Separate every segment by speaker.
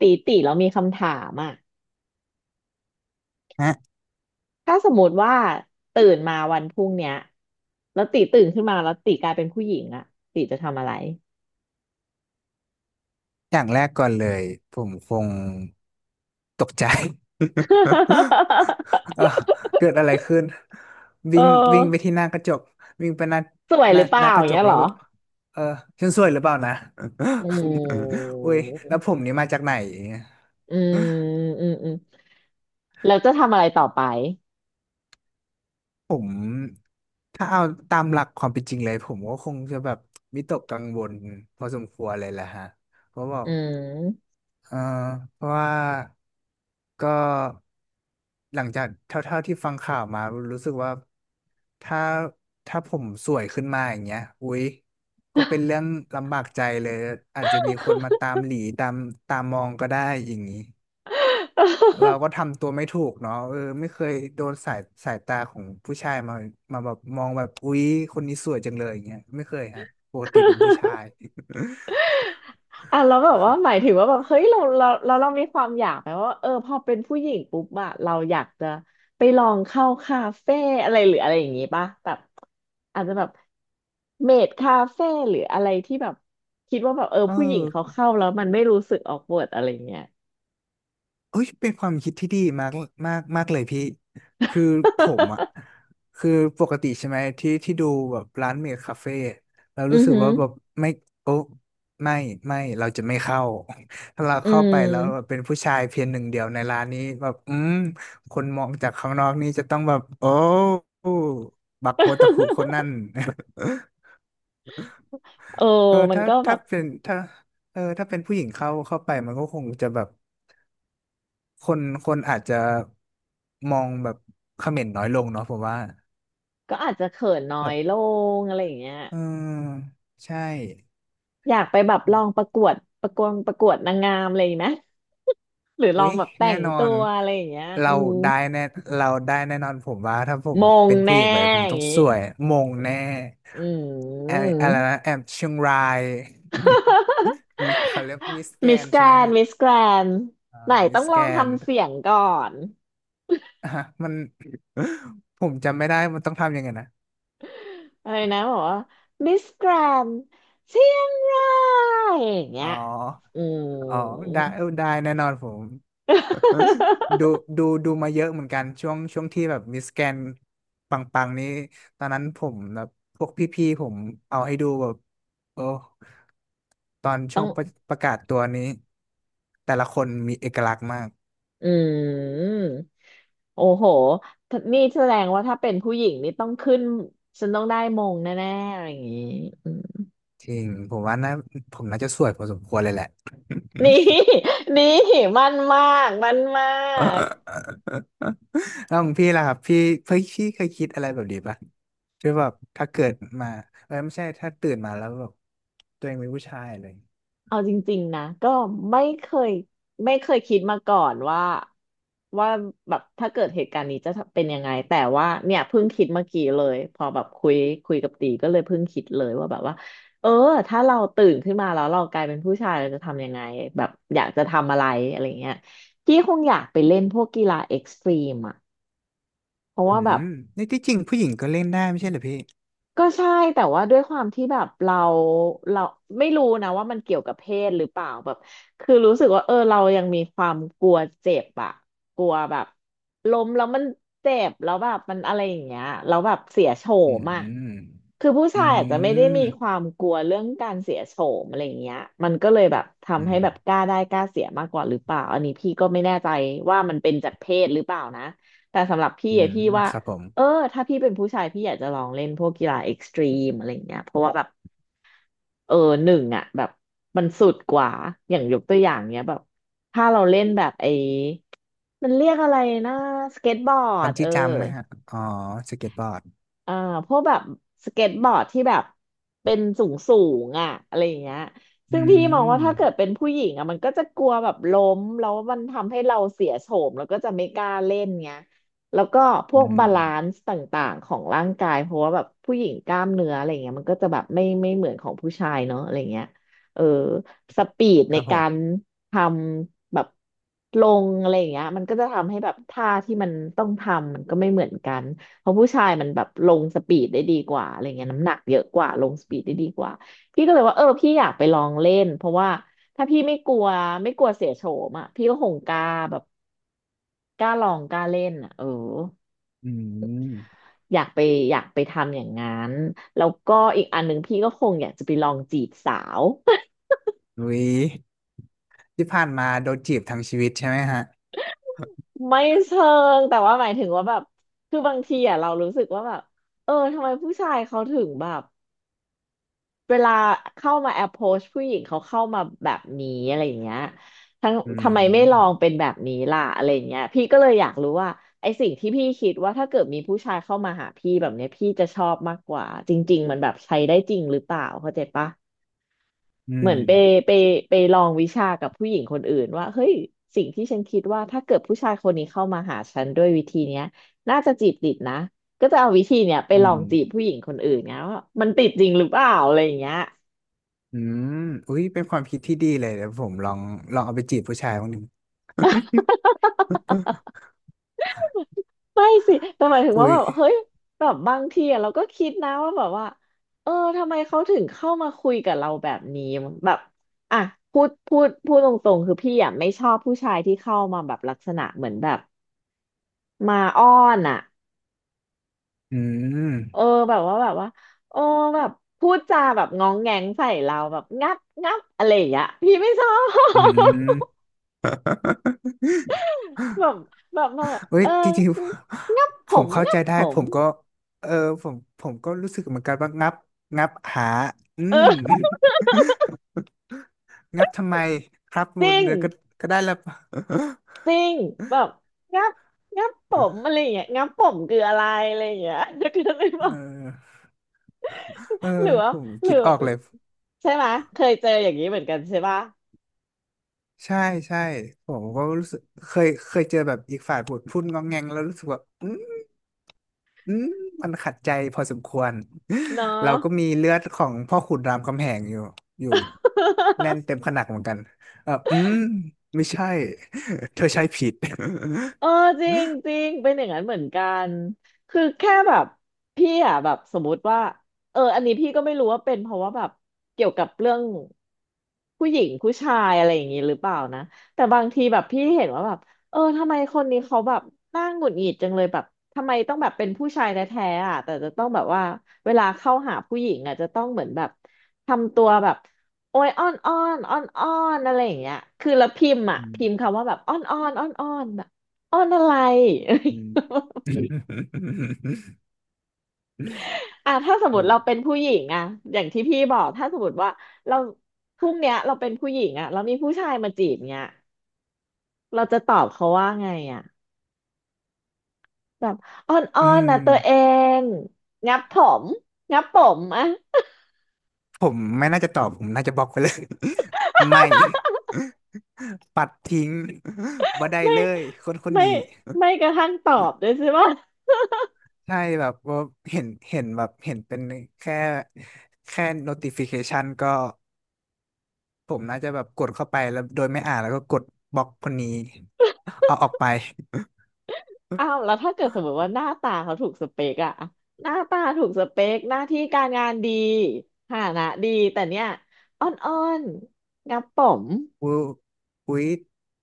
Speaker 1: ตีแล้วมีคำถามอ่ะ
Speaker 2: ฮะ
Speaker 1: ถ้าสมมติว่าตื่นมาวันพรุ่งเนี้ย แล้วตีตื่นขึ้นมาแล้วตีกลายเป็นผู้หญิงอ่ะตีจะทำอะไร
Speaker 2: อย่างแรกก่อนเลยผมคงตกใจ เอ้าเกิดอะไรขึ้น
Speaker 1: เออ
Speaker 2: วิ่งวิ่งไปที่หน้ากระจกวิ่งไปหน้า
Speaker 1: สวย
Speaker 2: ห
Speaker 1: ห
Speaker 2: น้า
Speaker 1: รือเป
Speaker 2: ห
Speaker 1: ล่า
Speaker 2: น้าก
Speaker 1: อ
Speaker 2: ระ
Speaker 1: ย่าง
Speaker 2: จ
Speaker 1: เงี้
Speaker 2: ก
Speaker 1: ยเห
Speaker 2: แล้
Speaker 1: ร
Speaker 2: ว
Speaker 1: อ
Speaker 2: แบบเออฉันสวยหรือเปล่านะ
Speaker 1: อืม
Speaker 2: อุ้ยแล้วผมนี่มาจากไหน
Speaker 1: อืมอืมแล้วจะทำอะไรต่อไป
Speaker 2: ผมถ้าเอาตามหลักความเป็นจริงเลยผมก็คงจะแบบวิตกกังวลพอสมควรเลยแหละฮะเพราะว่า
Speaker 1: อืม
Speaker 2: เออเพราะว่า ก็หลังจากเท่าๆที่ฟังข่าวมารู้สึกว่าถ้าถ้าผมสวยขึ้นมาอย่างเงี้ยอุ๊ยก็เป็นเรื่องลำบากใจเลยอาจจะมีคนมาตามหลีตามมองก็ได้อย่างนี้เราก็ทำตัวไม่ถูกเนาะเออไม่เคยโดนสายสายตาของผู้ชายมาแบบมองแบบอุ๊ยคนนี้สวยจังเลยอย่างเงี้ยไม่เคยฮะปกติเป็นผู้ ชาย
Speaker 1: อ่ะเราแล้วแบบว่าหมายถึงว่าแบบเฮ้ยเรามีความอยากไหมว่าเออพอเป็นผู้หญิงปุ๊บอะเราอยากจะไปลองเข้าคาเฟ่อะไรหรืออะไรอย่างงี้ป่ะแบบอาจจะแบบเมดคาเฟ่หรืออะไรที่แบบคิดว่าแบบเออ
Speaker 2: เอ
Speaker 1: ผู้หญิงเขา
Speaker 2: อ
Speaker 1: เข้าแล้วมันไม่รู้สึกออกเวิร์ดอะไรเงี้ย
Speaker 2: เอ้ยเป็นความคิดที่ดีมากมากมากเลยพี่คือผมอ่ะคือปกติใช่ไหมที่ที่ดูแบบร้านเมคคาเฟ่เรา
Speaker 1: อื
Speaker 2: รู้
Speaker 1: อ
Speaker 2: สึก
Speaker 1: หือ
Speaker 2: ว่าแบบไม่โอ้ไม่ไม่เราจะไม่เข้า ถ้าเรา
Speaker 1: อื
Speaker 2: เข้าไปแล้วแบ
Speaker 1: ม
Speaker 2: บเป็นผู้ชายเพียงหนึ่งเดียวในร้านนี้แบบอืมคนมองจากข้างนอกนี่จะต้องแบบโอ้บักโอตะคุค นนั่น
Speaker 1: เออ
Speaker 2: เออ
Speaker 1: มัน
Speaker 2: ถ้า
Speaker 1: ก็แบ
Speaker 2: ถ้า
Speaker 1: บ
Speaker 2: เป็นถ้าเออถ้าเป็นผู้หญิงเข้าไปมันก็คงจะแบบ คนคนอาจจะมองแบบเขม่นน้อยลงเนาะผมว่า
Speaker 1: ก็อาจจะเขินน้อย
Speaker 2: แบบ
Speaker 1: ลงอะไรอย่างเงี้ย
Speaker 2: เออใช่
Speaker 1: อยากไปแบบลองประกวดประกวดนางงามอะไรอย่างนี้ไหม หรือลอ
Speaker 2: อุ๊
Speaker 1: ง
Speaker 2: ย
Speaker 1: แบบแต่
Speaker 2: แน่
Speaker 1: ง
Speaker 2: นอ
Speaker 1: ตั
Speaker 2: น
Speaker 1: วอะไรอย่างเงี้ยอื
Speaker 2: เรา
Speaker 1: ม
Speaker 2: ได้แน่เราได้แน่นอนผมว่าถ้าผม
Speaker 1: มง
Speaker 2: เป็นผู้หญิ
Speaker 1: แน่
Speaker 2: งไปผม
Speaker 1: อ
Speaker 2: ต้อง
Speaker 1: ย่าง
Speaker 2: สวย
Speaker 1: งี้
Speaker 2: มงแน่
Speaker 1: อื
Speaker 2: แอ
Speaker 1: ม
Speaker 2: อะไรนะแอมเชียงรายอืมมีเขาเรียกมิสแก
Speaker 1: มิส
Speaker 2: น
Speaker 1: แก
Speaker 2: ใช่
Speaker 1: ร
Speaker 2: ไหม
Speaker 1: น
Speaker 2: ฮะ
Speaker 1: มิสแกรน
Speaker 2: อ่า
Speaker 1: ไหน
Speaker 2: มิ
Speaker 1: ต้อ
Speaker 2: ส
Speaker 1: งล
Speaker 2: แก
Speaker 1: อง
Speaker 2: น
Speaker 1: ทำเสียงก่อน
Speaker 2: อ่ะมัน ผมจำไม่ได้มันต้องทำยังไงนะ
Speaker 1: อะไรนะบอกว่ามิสแกรนเชียงรายอย่างเงี้
Speaker 2: อ๋อ
Speaker 1: ยอื
Speaker 2: อ๋อ
Speaker 1: ม
Speaker 2: ได้เออได้แน่นอนผม ดู ดูมาเยอะเหมือนกันช่วงที่แบบมิสแกนปังๆนี้ตอนนั้นผมแบบพวกพี่ๆผมเอาให้ดูแบบโอ้ตอน
Speaker 1: ต้
Speaker 2: ช่
Speaker 1: อ
Speaker 2: ว
Speaker 1: ง
Speaker 2: งประกาศตัวนี้แต่ละคนมีเอกลักษณ์มาก
Speaker 1: อืมโอ้โหนี่แสดงว่าถ้าเป็นผู้หญิงนี่ต้องขึ้นฉันต้องได้มงแน่ๆอะไรอย่างนี้อืม
Speaker 2: จริงผมว่านะผมน่าจะสวยพอสมควรเลยแหละ
Speaker 1: นี่ นี่มันมากมันมาก
Speaker 2: แล้วของพี่ล่ะครับพี่พี่เคยคิดอะไรแบบนี้ปะคือแบบถ้าเกิดมาเออไม่ใช่ถ้าตื่นมาแล้วแบบตัวเองเป็นผู้ชายเลย
Speaker 1: เอาจริงๆนะก็ไม่เคยคิดมาก่อนว่าแบบถ้าเกิดเหตุการณ์นี้จะเป็นยังไงแต่ว่าเนี่ยเพิ่งคิดเมื่อกี้เลยพอแบบคุยกับตีก็เลยเพิ่งคิดเลยว่าแบบว่าเออถ้าเราตื่นขึ้นมาแล้วเรากลายเป็นผู้ชายเราจะทำยังไงแบบอยากจะทำอะไรอะไรเงี้ยพี่คงอยากไปเล่นพวกกีฬาเอ็กซ์ตรีมอ่ะเพราะ
Speaker 2: อื
Speaker 1: ว่าแบบ
Speaker 2: มนี่ที่จริงผู้หญิงก็เล่นได้ไม่ใช่เหรอพี่
Speaker 1: ก็ใช่แต่ว่าด้วยความที่แบบเราไม่รู้นะว่ามันเกี่ยวกับเพศหรือเปล่าแบบคือรู้สึกว่าเออเรายังมีความกลัวเจ็บอะกลัวแบบล้มแล้วมันเจ็บแล้วแบบมันอะไรอย่างเงี้ยแล้วแบบเสียโฉ
Speaker 2: อื
Speaker 1: มอะ
Speaker 2: ม
Speaker 1: คือผู้
Speaker 2: อื
Speaker 1: ชายอาจจะไม่ได้มี
Speaker 2: ม
Speaker 1: ความกลัวเรื่องการเสียโฉมอะไรอย่างเงี้ยมันก็เลยแบบ
Speaker 2: อื
Speaker 1: ทำให้
Speaker 2: ม
Speaker 1: แบบกล้าได้กล้าเสียมากกว่าหรือเปล่าอันนี้พี่ก็ไม่แน่ใจว่ามันเป็นจากเพศหรือเปล่านะแต่สำหรับพี่
Speaker 2: อื
Speaker 1: อะ
Speaker 2: ม
Speaker 1: พี่ว่า
Speaker 2: ครับผม
Speaker 1: เออถ้าพี่เป็นผู้ชายพี่อยากจะลองเล่นพวกกีฬาเอ็กซ์ตรีมอะไรอย่างเงี้ยเพราะว่าแบบเออหนึ่งอ่ะแบบมันสุดกว่าอย่างยกตัวอย่างเนี้ยแบบถ้าเราเล่นแบบไอ้มันเรียกอะไรนะสเก็ตบอร์
Speaker 2: บั
Speaker 1: ด
Speaker 2: น
Speaker 1: เอ
Speaker 2: จี้
Speaker 1: อ
Speaker 2: จัมป์ไหมฮะอ๋อสเก็ตบอร์ด
Speaker 1: อ่าพวกแบบสเก็ตบอร์ดที่แบบเป็นสูงสูงอ่ะอะไรอย่างเงี้ย
Speaker 2: อื
Speaker 1: ซึ่งพี่มองว่า
Speaker 2: ม
Speaker 1: ถ้าเกิดเป็นผู้หญิงอ่ะมันก็จะกลัวแบบล้มแล้วมันทำให้เราเสียโฉมแล้วก็จะไม่กล้าเล่นเงี้ยแล้วก็พ
Speaker 2: อื
Speaker 1: วกบาลาน
Speaker 2: ม
Speaker 1: ซ์ต่างๆของร่างกายเพราะว่าแบบผู้หญิงกล้ามเนื้ออะไรเงี้ยมันก็จะแบบไม่เหมือนของผู้ชายเนาะอะไรเงี้ยเออสปีด
Speaker 2: ค
Speaker 1: ใน
Speaker 2: รับผ
Speaker 1: การ
Speaker 2: ม
Speaker 1: ทำแบบลงอะไรอย่างเงี้ยมันก็จะทำให้แบบท่าที่มันต้องทำมันก็ไม่เหมือนกัน เพราะผู้ชายมันแบบลงสปีดได้ดีกว่าอะไรเงี้ยน้ำหนักเยอะกว่าลงสปีดได้ดีกว่าพี่ก็เลยว่าเออพี่อยากไปลองเล่นเพราะว่าถ้าพี่ไม่กลัวเสียโฉมอ่ะพี่ก็คงกล้าแบบกล้าลองกล้าเล่นอ่ะเออ
Speaker 2: อืม
Speaker 1: อยากไปอยากไปทำอย่างนั้นแล้วก็อีกอันหนึ่งพี่ก็คงอยากจะไปลองจีบสาว
Speaker 2: อุ๊ยที่ผ่านมาโดนจีบทั้งชีวิตใช่ไหมฮะ
Speaker 1: ไม่เชิงแต่ว่าหมายถึงว่าแบบคือบางทีอ่ะเรารู้สึกว่าแบบเออทำไมผู้ชายเขาถึงแบบ เวลาเข้ามาแอปโพสผู้หญิงเขาเข้ามาแบบนี้อะไรอย่างเงี้ยทั้ง
Speaker 2: อื
Speaker 1: ทำไมไม่ลอง
Speaker 2: ม
Speaker 1: เป็นแบบนี้ล่ะอะไรอย่างเงี้ยพี่ก็เลยอยากรู้ว่าไอสิ่งที่พี่คิดว่าถ้าเกิดมีผู้ชายเข้ามาหาพี่แบบเนี้ยพี่จะชอบมากกว่าจริงๆมันแบบใช้ได้จริงหรือเปล่าเข้าใจปะ
Speaker 2: อื
Speaker 1: เหมื
Speaker 2: ม
Speaker 1: อนไปไปลองวิชากับผู้หญิงคนอื่นว่าเฮ้ยสิ่งที่ฉันคิดว่าถ้าเกิดผู้ชายคนนี้เข้ามาหาฉันด้วยวิธีเนี้ยน่าจะจีบติดนะก็จะเอาวิธีเนี้ยไป
Speaker 2: อื
Speaker 1: ลอง
Speaker 2: ม
Speaker 1: จีบผู้หญิงคนอื่นเนี้ยว่ามันติดจริงหรือเปล่าอะไรอย่างเงี้ย
Speaker 2: อืมอุ๊ยเป็นความคิดที่ดีเลยเดี๋ยวผมลองเอาไปจีบผู้ชายบ้นง ดิ
Speaker 1: ไม่สิแต่หมายถึง
Speaker 2: อุ๊
Speaker 1: ว่า
Speaker 2: ย
Speaker 1: แบบเฮ้ยแบบบางทีอะเราก็คิดนะว่าแบบว่าเออทำไมเขาถึงเข้ามาคุยกับเราแบบนี้แบบอ่ะพูดตรงๆคือพี่อะไม่ชอบผู้ชายที่เข้ามาแบบลักษณะเหมือนแบบมาอ้อนอ่ะ
Speaker 2: อืม
Speaker 1: เออแบบว่าโอ้แบบพูดจาแบบง้องแงงใส่เราแบบงับงับอะไรอย่างเงี้ยพี่ไม่ชอ
Speaker 2: อื
Speaker 1: บ
Speaker 2: ม
Speaker 1: แบบแบบมาแบบ
Speaker 2: เฮ้ย
Speaker 1: เออ
Speaker 2: จริงๆ
Speaker 1: งับ ผ
Speaker 2: ผม
Speaker 1: ม
Speaker 2: เข้า
Speaker 1: งั
Speaker 2: ใจ
Speaker 1: บ
Speaker 2: ได้
Speaker 1: ผ
Speaker 2: ผ
Speaker 1: ม
Speaker 2: มก็เออผมก็รู้สึกเหมือนกันว่างับงับหาอืม
Speaker 1: เออ
Speaker 2: งับทำไมครับมั
Speaker 1: จ
Speaker 2: น
Speaker 1: ริง
Speaker 2: เนื้อก็ก็ได้แล้ว
Speaker 1: จริงแบบงับงับผมอะไรอย่างเงี้ยงับผมคืออะไรอะไรอย่างเงี้ยจะคือเลยบอก
Speaker 2: เออเออ
Speaker 1: หรือว่า
Speaker 2: ผม
Speaker 1: หรื
Speaker 2: คิ
Speaker 1: อ
Speaker 2: ดออกเลย
Speaker 1: ใช่ไหมยเคยเจออย่างนี้เหมือนกันใช่ปะ
Speaker 2: ใช่ใช่ผมก็รู้สึกเคยเจอแบบอีกฝ่ายพูดงองแงงแล้วรู้สึกว่าอืม อืมมันขัดใจพอสมควร
Speaker 1: เนาะ
Speaker 2: เราก็มีเลือดของพ่อขุนรามคำแหงอยู่อยู่แน่นเต็มขนักเหมือนกันเอออืมไม่ใช่ เธอใช้ผิด
Speaker 1: เออจริงจริงเป็นอย่างนั้นเหมือนกันคือแค่แบบพี่อ่ะแบบสมมติว่าเอออันนี้พี่ก็ไม่รู้ว่าเป็นเพราะว่าแบบเกี่ยวกับเรื่องผู้หญิงผู้ชายอะไรอย่างนี้หรือเปล่านะแต่บางทีแบบพี่เห็นว่าแบบเออทำไมคนนี้เขาแบบน่าหงุดหงิดจังเลยแบบทำไมต้องแบบเป็นผู้ชายแท้ๆอ่ะแต่จะต้องแบบว่าเวลาเข้าหาผู้หญิงอ่ะจะต้องเหมือนแบบทำตัวแบบโอ้ยอ้อนอ้อนอ้อนอ้อนอะไรอย่างเงี้ยคือแล้วพิมพ์อ่ะพิมพ์คำว่าแบบอ้อนอ้อนอ้อนอ้อน อ้อนอะไร อ่ะถ้าสมมติเราเป็นผู้หญิงอ่ะอย่างที่พี่บอกถ้าสมมติว่าเราพรุ่งเนี้ยเราเป็นผู้หญิงอ่ะแล้วมีผู้ชายมาจีบเนี้ยเราจะตอบเขาว่าไงอ่ะแบบอ้อนอ้อ
Speaker 2: อื
Speaker 1: น
Speaker 2: ม
Speaker 1: นะตัวเองงับผมงับผมอ่ะ
Speaker 2: ผมไม่น่าจะตอบผมน่าจะบล็อกไปเลย ไม่ ปัดทิ้งบ่ ได้
Speaker 1: ไม่
Speaker 2: เลยคนคน
Speaker 1: ไม่
Speaker 2: นี้
Speaker 1: ไม่กระทั่งตอบด้วยใช่ปะ
Speaker 2: ใช่แบบว่าเห็นเป็นแค่แค่ notification ก็ ผมน่าจะแบบกดเข้าไปแล้วโดยไม่อ่านแล้วก็กดบล็อกคนนี้เอาออกไป
Speaker 1: อ้าวแล้วถ้าเกิดสมมติว่าหน้าตาเขาถูกสเปกอ่ะหน้าตาถูกสเปกหน้าที่การงานดีฐานะดีแต่เนี้ยอ้อนอ้อนงับผม
Speaker 2: อุ๊ยอุ๊ย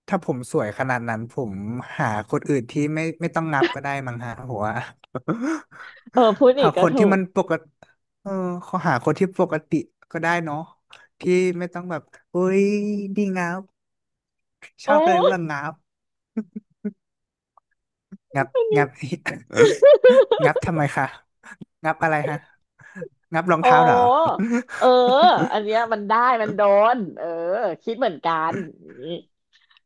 Speaker 2: ถ้าผมสวยขนาดนั้นผมหาคนอื่นที่ไม่ต้องงับก็ได้มั้งฮะผมว่า
Speaker 1: เออพูด อี
Speaker 2: หา
Speaker 1: ก
Speaker 2: ค
Speaker 1: ก็
Speaker 2: น
Speaker 1: ถู
Speaker 2: ที่
Speaker 1: ก
Speaker 2: มันปกติเออขอหาคนที่ปกติก็ได้เนาะที่ไม่ต้องแบบอุ๊ยดีงับช
Speaker 1: โอ้
Speaker 2: อบเลยว่างับงับ
Speaker 1: อันนี้
Speaker 2: งับ งั บทำไมคะงับอะไรฮะงับรอง
Speaker 1: โอ้
Speaker 2: เท้าเหรอ
Speaker 1: เอออันเนี้ย มันได้มันโดนเออคิดเหมือนกันอย่างนี้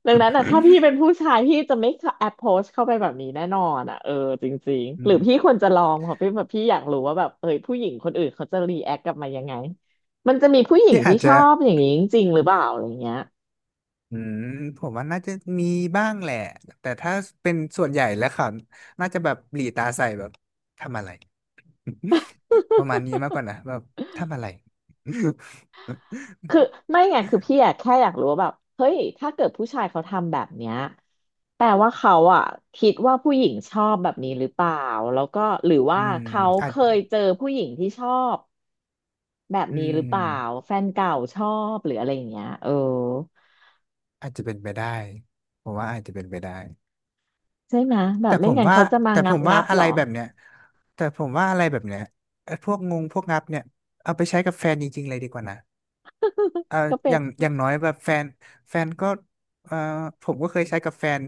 Speaker 1: ดังนั้นอ่ะถ้าพี่เป็นผู้ชายพี่จะไม่แอปโพสเข้าไปแบบนี้แน่นอนอ่ะเออจริง
Speaker 2: อื
Speaker 1: ๆหรือ
Speaker 2: ม
Speaker 1: พี่ควรจะลองเพราะพี่แบบพี่อยากรู้ว่าแบบเออผู้หญิงคนอื่นเขาจะรีแอคกลับมายังไงมันจะมีผู้หญิง
Speaker 2: ที่อา
Speaker 1: ที่
Speaker 2: จ
Speaker 1: ช
Speaker 2: จะ
Speaker 1: อบอย่างนี้จริงๆหรือเปล่าอะไรเงี้ย
Speaker 2: อืมผมว่าน่าจะมีบ้างแหละแต่ถ้าเป็นส่วนใหญ่แล้วเขาน่าจะแบบหลีตาใส่แบบทำอะไร ประมาณนี้มากกว่านะแบบทำอะไร
Speaker 1: คือไม่ไงคือพี่อะแค่อยากรู้ว่าแบบเฮ้ยถ้าเกิดผู้ชายเขาทำแบบเนี้ยแปลว่าเขาอะคิดว่าผู้หญิงชอบแบบนี้หรือเปล่าแล้วก็หรือ
Speaker 2: อื
Speaker 1: ว่า
Speaker 2: ม
Speaker 1: เขา
Speaker 2: อา
Speaker 1: เค
Speaker 2: จ
Speaker 1: ยเจอผู้หญิงที่ชอบแบบ
Speaker 2: อื
Speaker 1: นี้หรือ
Speaker 2: ม
Speaker 1: เปล่าแฟนเก่าชอบหรืออะไรอย่างเงี้ยเออ
Speaker 2: อาจจะเป็นไปได้ผมว่าอาจจะเป็นไปได้
Speaker 1: ใช่ไหมแบ
Speaker 2: แต่
Speaker 1: บไม่
Speaker 2: ผม
Speaker 1: งั้น
Speaker 2: ว่า
Speaker 1: เขาจะมา
Speaker 2: แต่
Speaker 1: งั
Speaker 2: ผ
Speaker 1: บ
Speaker 2: มว่า
Speaker 1: งับ
Speaker 2: อะ
Speaker 1: หร
Speaker 2: ไร
Speaker 1: อ
Speaker 2: แบบเนี้ยแต่ผมว่าอะไรแบบเนี้ยไอ้พวกงับเนี่ยเอาไปใช้กับแฟนจริงๆเลยดีกว่านะ เอ่อ
Speaker 1: ก็เป็
Speaker 2: อ
Speaker 1: น
Speaker 2: ย่างอย่างน้อยแบบแฟนแฟนก็เอ่อผมก็เคยใช้กับแฟน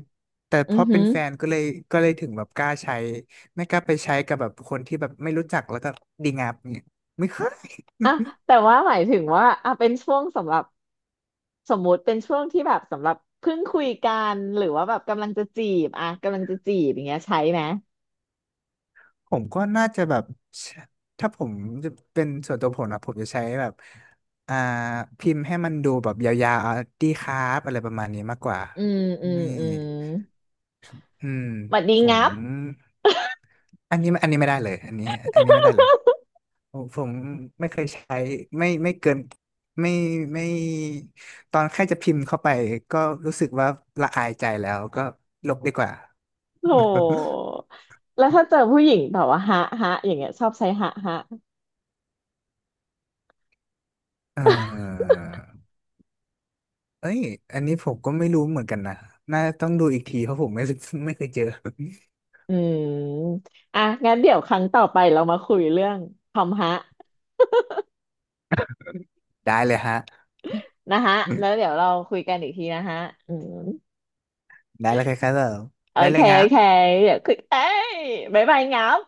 Speaker 2: แต่เพ
Speaker 1: อือ
Speaker 2: ราะเป็
Speaker 1: หื
Speaker 2: น
Speaker 1: อ
Speaker 2: แฟนก็เลยก็เลยถึงแบบกล้าใช้ ไม่กล้าไปใช้กับแบบคนที่แบบไม่รู้จักแล้วก็ดีงามเนี่ยไม่เคย
Speaker 1: อ่ะแต่ว่าหมายถึงว่าอ่ะเป็นช่วงสำหรับ สมมุติเป็นช่วงที่แบบสำหรับเพิ่งคุยกันหรือว่าแบบกำลังจะจีบอย่างเงี้ยใช้ไหม
Speaker 2: ผมก็น่าจะแบบ ถ้าผมจะเป็นส่วนตัวผมนะผมจะใช้แบบอ่าพิมพ์ให้มันดูแบบยาวๆอ่ะดีครับอะไรประมาณนี้มากกว่า
Speaker 1: อืมอืม
Speaker 2: ไม่
Speaker 1: อืม
Speaker 2: อืม
Speaker 1: บัดดี
Speaker 2: ผม
Speaker 1: งับ
Speaker 2: อันนี้อันนี้ไม่ได้เลยอันนี้อันนี้ไม่ได้เลย ผมไม่เคยใช้ไม่เกินไม่ไม่ตอนแค่จะพิมพ์เข้าไปก็รู้สึกว่าละอายใจแล้วก็ลบดีกว่า
Speaker 1: โห แล้วถ้าเจอผู้หญิงแบบว่าฮะฮะอย่างเงี้ยชอบใช้ฮะฮะ
Speaker 2: เออเอ้ยอันนี้ผมก็ไม่รู้เหมือนกันนะน่าต้องดูอีกทีเพราะผมไม่เคยเจอ
Speaker 1: อืมอ่ะงั้นเดี๋ยวครั้งต่อไปเรามาคุยเรื่องคำฮะ
Speaker 2: ได้เลยฮะ
Speaker 1: นะฮะแล้วเดี๋ยวเราคุยกันอีกทีนะฮะอืม
Speaker 2: ได้แล้วครับผม
Speaker 1: โอ
Speaker 2: ได้เล
Speaker 1: เค
Speaker 2: ยครั
Speaker 1: โอเค
Speaker 2: บ
Speaker 1: เดี๋ยวคุยเอ้ยบ๊ายบายงับ